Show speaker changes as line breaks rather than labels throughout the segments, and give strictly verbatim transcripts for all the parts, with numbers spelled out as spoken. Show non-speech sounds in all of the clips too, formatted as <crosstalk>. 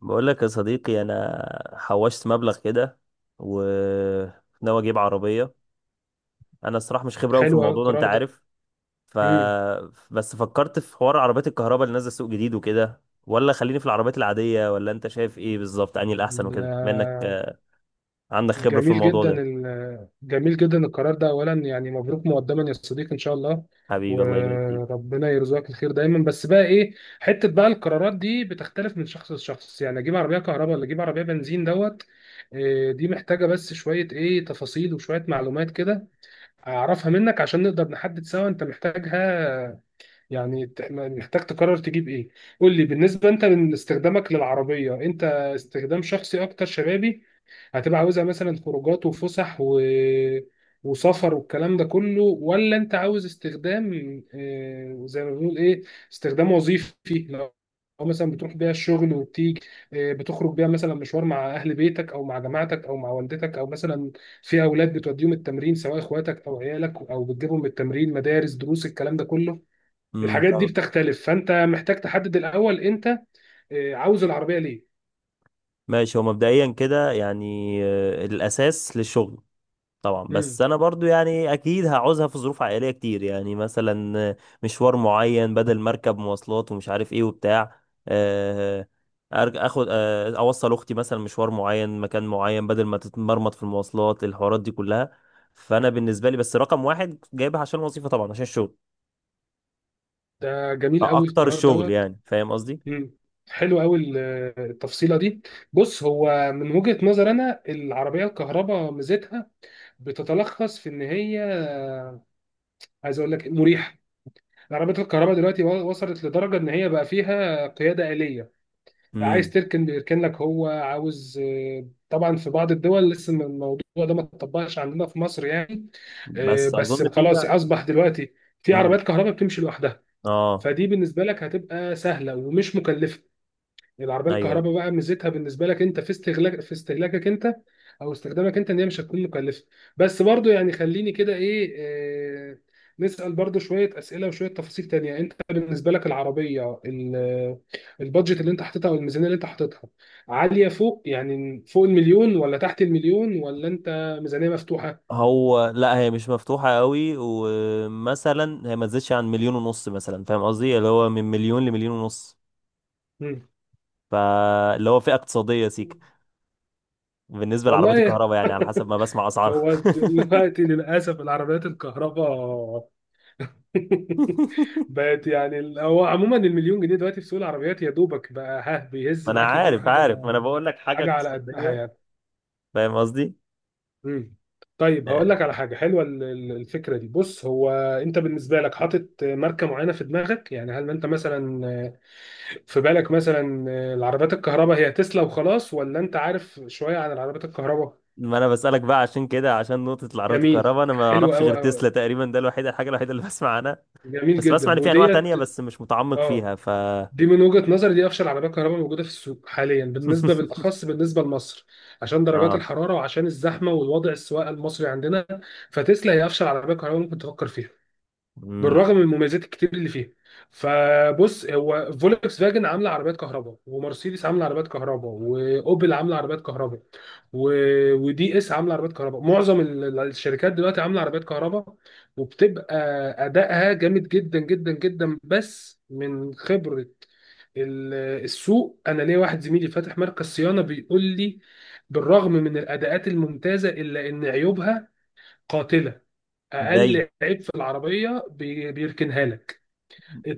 بقول لك يا صديقي، انا حوشت مبلغ كده وناوي اجيب عربيه. انا الصراحه مش خبره قوي في
حلو قوي
الموضوع ده، انت
القرار ده.
عارف. ف
امم
بس فكرت في حوار عربيات الكهرباء اللي نازله سوق جديد وكده، ولا خليني في العربيات العاديه، ولا انت شايف ايه بالظبط؟ انهي الاحسن وكده، بما انك
لا-
آه، عندك خبره في
جميل
الموضوع
جدا
ده.
ال- جميل جدا القرار ده، اولا يعني مبروك مقدما يا صديقي، ان شاء الله.
حبيبي الله يبارك فيك.
وربنا يرزقك الخير دايما، بس بقى ايه؟ حته بقى القرارات دي بتختلف من شخص لشخص، يعني اجيب عربيه كهرباء ولا اجيب عربيه بنزين دوت. إيه، دي محتاجه بس شويه ايه تفاصيل وشويه معلومات كده اعرفها منك، عشان نقدر نحدد سوا انت محتاجها. يعني ت- محتاج تقرر تجيب ايه. قول لي، بالنسبه انت من استخدامك للعربيه، انت استخدام شخصي اكتر شبابي؟ هتبقى عاوزها مثلا خروجات وفسح و... وسفر والكلام ده كله، ولا انت عاوز استخدام آه، زي ما بنقول ايه، استخدام وظيفي؟ لو، لو مثلا بتروح بيها الشغل وبتيجي، آه، بتخرج بيها مثلا مشوار مع اهل بيتك او مع جماعتك او مع والدتك، او مثلا في اولاد بتوديهم التمرين سواء اخواتك او عيالك، او بتجيبهم من التمرين، مدارس، دروس، الكلام ده كله.
امم.
الحاجات دي بتختلف، فانت محتاج تحدد الاول انت آه، عاوز العربيه ليه.
ماشي، هو مبدئيا كده يعني آه، الاساس للشغل طبعا. بس
مم.
انا برضو يعني اكيد هعوزها في ظروف عائليه كتير، يعني مثلا مشوار معين بدل مركب مواصلات ومش عارف ايه وبتاع. آه، أرج- اخد، آه، اوصل اختي مثلا مشوار معين مكان معين بدل ما تتمرمط في المواصلات الحوارات دي كلها. فانا بالنسبه لي بس رقم واحد جايبها عشان الوظيفه طبعا، عشان الشغل
ده جميل قوي
اكتر،
القرار
الشغل
دوت.
يعني، فاهم قصدي.
مم. حلو قوي ال- آه، التفصيله دي. بص، هو من وجهه نظر انا العربيه الكهرباء ميزتها بتتلخص في ان هي آه، عايز اقول لك مريحه. العربيات الكهرباء دلوقتي و- وصلت لدرجه ان هي بقى فيها قياده آلية، عايز
امم.
تركن بيركن لك، هو عاوز آه، طبعا. في بعض الدول لسه الموضوع ده ما اتطبقش، عندنا في مصر يعني آه،
بس اظن
بس خلاص
فيها.
اصبح دلوقتي في
امم.
عربيات كهرباء بتمشي لوحدها.
اه،
فدي بالنسبه لك هتبقى سهله ومش مكلفه، يعني العربيه
ايوه.
الكهرباء بقى ميزتها بالنسبه لك انت، في استهلاك في استهلاكك انت او استخدامك انت، ان هي مش هتكون مكلفه. بس برضو يعني خليني كده ايه آه، نسال برضو شويه اسئله وشويه تفاصيل تانية. انت بالنسبه لك العربيه ال- البادجت اللي انت حاططها او الميزانيه اللي انت حاططها، عاليه فوق يعني فوق المليون، ولا تحت المليون، ولا انت ميزانيه مفتوحه؟
هو لا، هي مش مفتوحة قوي، ومثلا هي ما تزيدش عن مليون ونص مثلا، فاهم قصدي؟ اللي هو من مليون لمليون ونص، فاللي هو فئة اقتصادية سيك
مم.
بالنسبة لعربيات
والله.
الكهرباء، يعني على حسب ما بسمع
<laughs>
أسعارها.
هو
<laughs>
دلوقتي للأسف العربيات الكهرباء <laughs> بقت يعني ال- هو عموما المليون جنيه دلوقتي في سوق العربيات يا دوبك بقى ها، بيهز
ما أنا
معاك يجيب
عارف عارف، ما
حاجة،
أنا بقول لك حاجة
حاجة على قدها
اقتصادية،
يعني.
فاهم قصدي.
مم. طيب هقول
آه،
لك على حاجة حلوة ال- ال- الفكرة دي. بص، هو أنت بالنسبة لك حاطط ماركة معينة في دماغك؟ يعني هل أنت مثلا في بالك مثلا العربيات الكهرباء هي تسلا وخلاص، ولا أنت عارف شوية عن العربيات الكهرباء؟
ما أنا بسألك بقى عشان كده، عشان نقطة العربيات
جميل.
الكهرباء أنا ما
حلو
أعرفش غير
قوي.
تسلا تقريبا، ده الوحيد، الحاجة الوحيدة اللي <laughs> بسمع عنها.
جميل
بس بسمع
جدا
إن في أنواع
وديت.
تانية بس مش متعمق
اه،
فيها، ف <laughs>
دي من وجهة نظري دي افشل عربية كهرباء موجودة في السوق حاليا بالنسبة، بالاخص بالنسبة لمصر، عشان درجات
آه.
الحرارة وعشان الزحمة والوضع السواقة المصري عندنا. فتسلا هي افشل عربية كهرباء ممكن تفكر فيها،
امم.
بالرغم من المميزات الكتير اللي فيها. فبص، هو فولكس فاجن عامله عربيات كهرباء، ومرسيدس عامله عربيات كهرباء، واوبل عامله عربيات كهرباء، و... ودي اس عامله عربيات كهرباء، معظم ال- ال- الشركات دلوقتي عامله عربيات كهرباء. وبتبقى ادائها جامد جدا جدا جدا، بس من خبره ال- السوق، انا ليا واحد زميلي فاتح مركز صيانه بيقول لي بالرغم من الاداءات الممتازه الا ان عيوبها قاتله.
زي.
اقل عيب في العربيه بي- بيركنها لك،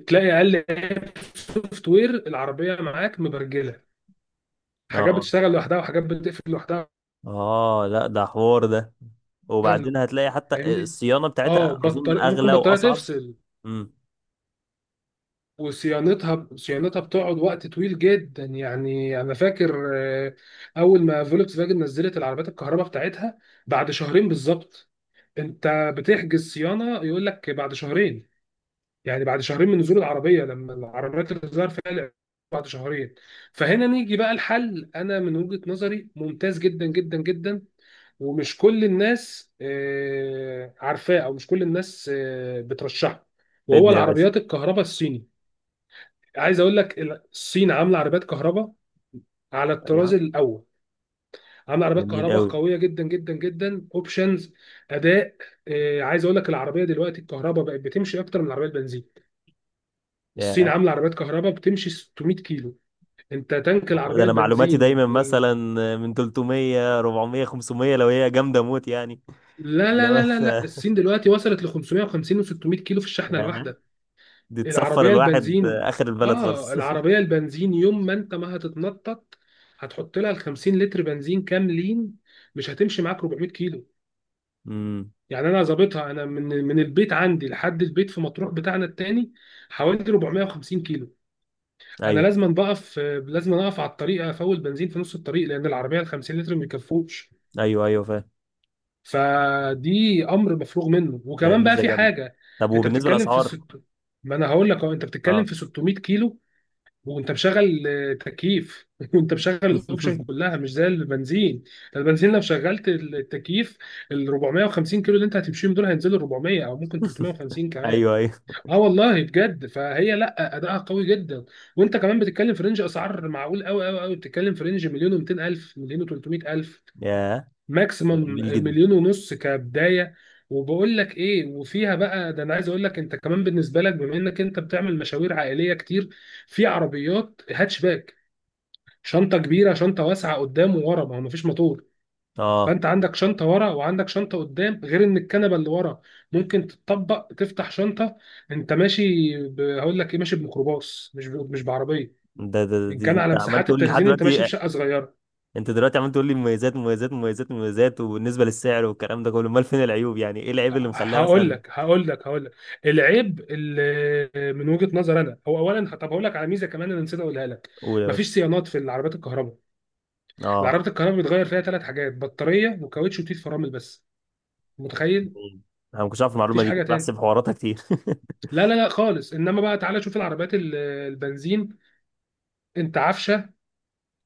تلاقي اقل عيب في السوفت وير العربيه معاك مبرجله، حاجات
اه.
بتشتغل لوحدها وحاجات بتقفل لوحدها.
اه لا، ده حوار ده. وبعدين هتلاقي حتى
فاهمني؟
الصيانة
اه،
بتاعتها اظن
بطل... ممكن
اغلى
بطاريه
واصعب.
تفصل،
امم.
وصيانتها صيانتها بتقعد وقت طويل جدا، يعني انا فاكر آه، اول ما فولكس فاجن نزلت العربيات الكهرباء بتاعتها، بعد شهرين بالظبط انت بتحجز صيانه يقول لك بعد شهرين، يعني بعد شهرين من نزول العربيه، لما العربيات اللي ظهر فيها الإعلان، بعد شهرين. فهنا نيجي بقى الحل، انا من وجهه نظري ممتاز جدا جدا جدا، ومش كل الناس آه، عارفاه، او مش كل الناس آه، بترشحه، وهو
فدني يا باشا.
العربيات الكهرباء الصيني. عايز اقول لك ال- الصين عامله عربيات كهرباء على الطراز
ايوه.
الاول، عامله عربيات
جميل
كهرباء
قوي.
قويه جدا جدا جدا، اوبشنز، اداء، آه، عايز اقول لك العربيه دلوقتي الكهرباء بقت بتمشي اكتر من العربيه البنزين. الصين
يا
عامله عربيات كهرباء بتمشي 600 كيلو، انت تانك
والله، ده
العربيه
انا معلوماتي
البنزين
دايما مثلا
ال...
من تلتمية اربعمية خمسمية، لو هي جامدة موت يعني. <laughs>
لا
اللي
لا
هو
لا لا لا،
أنت-
الصين دلوقتي وصلت ل خمسمية وخمسين و600 كيلو في الشحنه
يا،
الواحده.
دي تسفر
العربيه
الواحد
البنزين،
اخر البلد
اه
خالص. <laughs>
العربيه البنزين يوم ما انت ما هتتنطط هتحط لها ال 50 لتر بنزين كاملين، مش هتمشي معاك 400 كيلو.
امم.
يعني انا ظابطها، انا من من البيت عندي لحد البيت في مطروح بتاعنا التاني حوالي اربعمية وخمسين كيلو. انا
ايوه.
لازم بقف، لازم اقف على الطريق افول بنزين في نص الطريق، لان العربيه ال خمسين لتر ما بيكفوش،
ايوه ايوه، فاهم.
فدي امر مفروغ منه.
ده
وكمان بقى
ميزة
في
جامدة.
حاجه،
طب
انت
وبالنسبة
بتتكلم في
للاسعار؟
الست، ما انا هقول لك اهو، انت بتتكلم
اه.
في ستمية كيلو وانت مشغل آه، تكييف <laughs> وانت مشغل الاوبشن كلها، مش زي البنزين. البنزين لو شغلت التكييف، ال اربعمية وخمسين كيلو اللي انت هتمشيهم دول هينزلوا اربعمية او ممكن
<laughs>
تلتمية وخمسين كمان.
ايوه ايوه.
اه والله بجد، فهي لا اداءها قوي جدا، وانت كمان بتتكلم في رينج اسعار معقول قوي قوي قوي، بتتكلم في رينج مليون و200 الف، مليون و300 الف
يا، ده
ماكسيمم،
جميل جدا.
مليون ونص كبدايه. وبقول لك ايه، وفيها بقى ده انا عايز اقول لك، انت كمان بالنسبه لك بما انك انت بتعمل مشاوير عائليه كتير، في عربيات هاتش باك، شنطه كبيره، شنطه واسعه قدام وورا، ما هو مفيش موتور،
اه،
فانت عندك شنطه ورا وعندك شنطه قدام، غير ان الكنبه اللي ورا ممكن تتطبق تفتح شنطه. انت ماشي ب... هقول لك ايه، ماشي بميكروباص، مش ب... مش بعربيه.
ده ده
ان
دي
كان
انت
على
عمال
مساحات
تقول لي لحد
التخزين، انت ماشي
دلوقتي،
بشقه صغيره.
انت دلوقتي عمال تقول لي مميزات مميزات مميزات مميزات وبالنسبه للسعر والكلام ده كله، امال فين العيوب؟ يعني ايه العيب اللي مخليها
هقول
مثلا؟
لك هقول لك هقول لك، العيب اللي من وجهه نظر انا هو اولا، طب هقول لك على ميزه كمان انا نسيت اقولها لك،
قول يا باشا.
مفيش صيانات في العربيات الكهرباء.
اه،
العربيات الكهرباء بيتغير فيها ثلاث حاجات، بطاريه وكاوتش وتيت فرامل بس. متخيل؟
جميل. انا ما كنتش اعرف المعلومه
مفيش
دي،
حاجه
كنت
تاني،
بحسب حواراتها كتير.
لا لا لا خالص. انما بقى تعالى شوف العربيات ال- البنزين، انت عفشه،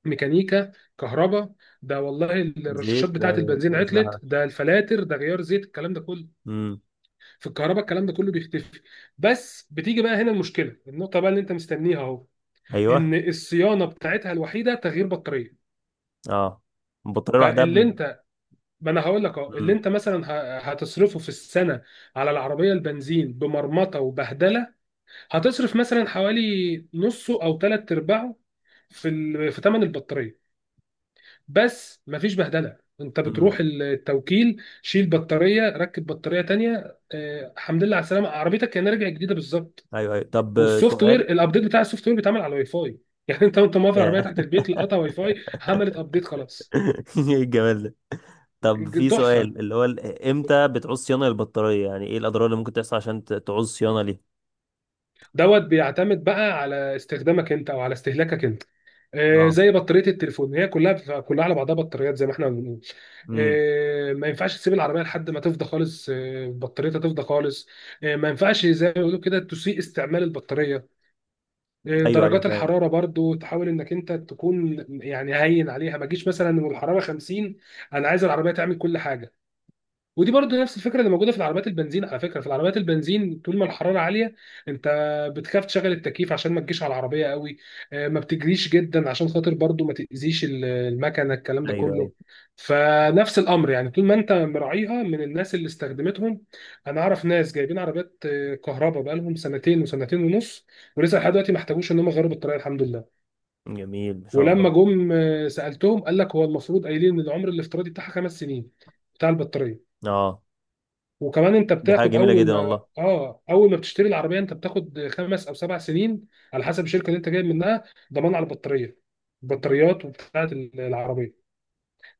ميكانيكا، كهرباء، ده والله
<laughs>
الرشاشات
زيت،
بتاعه
آه،
البنزين
بس
عطلت،
ده-
ده الفلاتر، ده غيار زيت، الكلام ده كله.
امم.
في الكهرباء الكلام ده كله بيختفي، بس بتيجي بقى هنا المشكله، النقطه بقى اللي انت مستنيها اهو،
ايوه.
ان الصيانه بتاعتها الوحيده تغيير بطاريه.
اه. البطاريه لوحدها
فاللي
ب-
انت، ما انا هقول لك اهو اللي
امم.
انت مثلا ه- هتصرفه في السنه على العربيه البنزين بمرمطه وبهدله، هتصرف مثلا حوالي نصه او ثلاث ارباعه في ال... في ثمن البطاريه. بس مفيش بهدله، انت بتروح
امم.
التوكيل، شيل بطاريه ركب بطاريه تانية، آه، الحمد لله على السلامه، عربيتك كانها راجعه جديده بالظبط.
ايوه ايوه. طب آه،
والسوفت وير،
سؤال.
الابديت بتاع السوفت وير بيتعمل على الواي فاي <laughs> يعني انت وانت موقف العربيه
ياه.
تحت البيت، لقطها واي فاي، عملت ابديت، خلاص.
<laughs> ايه الجمال ده.
ج-
طب
ج-
في
تحفه.
سؤال، اللي هو ال- امتى بتعوز صيانة للبطارية؟ يعني ايه الأضرار اللي ممكن تحصل عشان ت- تعوز صيانة ليها؟
دوت بيعتمد بقى على استخدامك انت او على استهلاكك انت. آه،
اه.
زي بطاريه التليفون، هي كلها كلها على بعضها بطاريات زي ما احنا بنقول.
امم.
آه، ما ينفعش تسيب العربيه لحد ما تفضى خالص، آه، بطاريتها تفضى خالص. آه، ما ينفعش زي ما بيقولوا كده تسيء استعمال البطاريه. آه،
ايوه ايوه
درجات
فاهم.
الحراره برضو، تحاول انك انت تكون يعني هين عليها، ما تجيش مثلا والحراره خمسين انا عايز العربيه تعمل كل حاجه. ودي برضه نفس الفكره اللي موجوده في العربيات البنزين، على فكره، في العربيات البنزين طول ما الحراره عاليه، انت بتخاف تشغل التكييف عشان ما تجيش على العربيه قوي، آه، ما بتجريش جدا عشان خاطر برضه ما تاذيش ال- المكنه الكلام ده
ايوه ايوه.
كله. فنفس الامر يعني، طول ما انت مراعيها من الناس اللي استخدمتهم، انا اعرف ناس جايبين عربيات آه، كهرباء بقالهم سنتين وسنتين ونص، ولسه لحد دلوقتي ما احتاجوش ان هم يغيروا البطاريه، الحمد لله.
جميل ما شاء
ولما
الله.
جم آه، سالتهم، قال لك هو المفروض، قايلين ان العمر الافتراضي بتاعها خمس سنين بتاع البطاريه.
اه،
وكمان انت
دي حاجة
بتاخد
جميلة
اول
جدا
ما
والله.
اه اول ما بتشتري العربيه انت بتاخد خمس او سبع سنين على حسب الشركه اللي انت جايب منها، ضمان على البطاريه، البطاريات وبتاعه العربيه.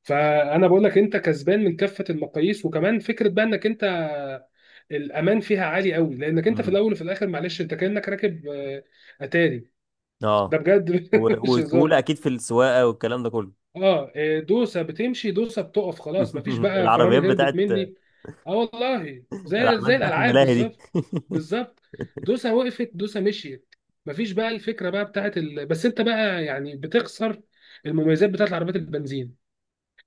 فانا بقول لك انت كسبان من كافه المقاييس، وكمان فكره بقى، انك انت الامان فيها عالي قوي، لانك انت في
امم.
الاول وفي الاخر، معلش انت كانك راكب آه، اتاري، ده
اه،
بجد. <laughs>
و-
مش
وسهولة
هزار.
اكيد في السواقة والكلام ده كله.
اه إيه، دوسه بتمشي دوسه بتقف، خلاص مفيش
<laughs>
بقى
العربيات
فرامل، هربت
بتاعت،
مني. اه والله زي
العربيات
زي
بتاعت
الالعاب
الملاهي دي.
بالظبط. بالظبط، دوسه وقفت دوسه مشيت، مفيش بقى. الفكره بقى بتاعت ال... بس انت بقى يعني بتخسر المميزات بتاعت عربيات البنزين،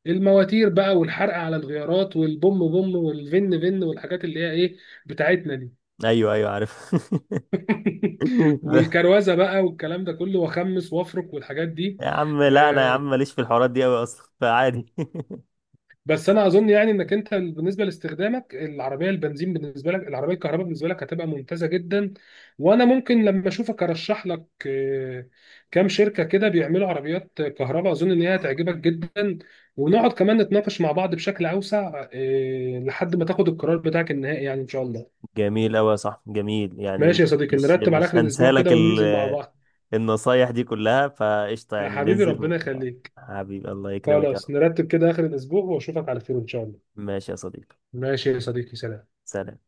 المواتير بقى، والحرق على الغيارات، والبوم بوم، والفن فن، والحاجات اللي هي ايه بتاعتنا دي.
ايوه ايوه عارف. <laughs>
<laughs> والكروزه بقى والكلام ده كله، واخمس وافرك والحاجات دي.
يا عم لا، انا يا
آه،
عم ماليش في الحوارات دي قوي اصلا، فعادي. <laughs>
بس انا اظن يعني انك انت بالنسبه لاستخدامك العربيه البنزين، بالنسبه لك العربيه الكهرباء بالنسبه لك هتبقى ممتازه جدا، وانا ممكن لما اشوفك ارشح لك آه، كام شركه كده بيعملوا عربيات كهرباء، اظن ان هي هتعجبك جدا، ونقعد كمان نتناقش مع بعض بشكل اوسع آه، لحد ما تاخد القرار بتاعك النهائي، يعني ان شاء الله.
جميل قوي يا صاحبي، جميل يعني.
ماشي يا صديقي،
مش
نرتب على
مش
اخر الاسبوع كده
هنسالك
وننزل مع بعض.
النصايح دي كلها فقشطة
يا
يعني؟
حبيبي
بننزل و...
ربنا يخليك.
حبيبي الله يكرمك يا
خلاص،
رب.
نرتب كده اخر الاسبوع واشوفك على خير ان شاء الله.
ماشي يا صديقي،
ماشي يا صديقي، سلام.
سلام.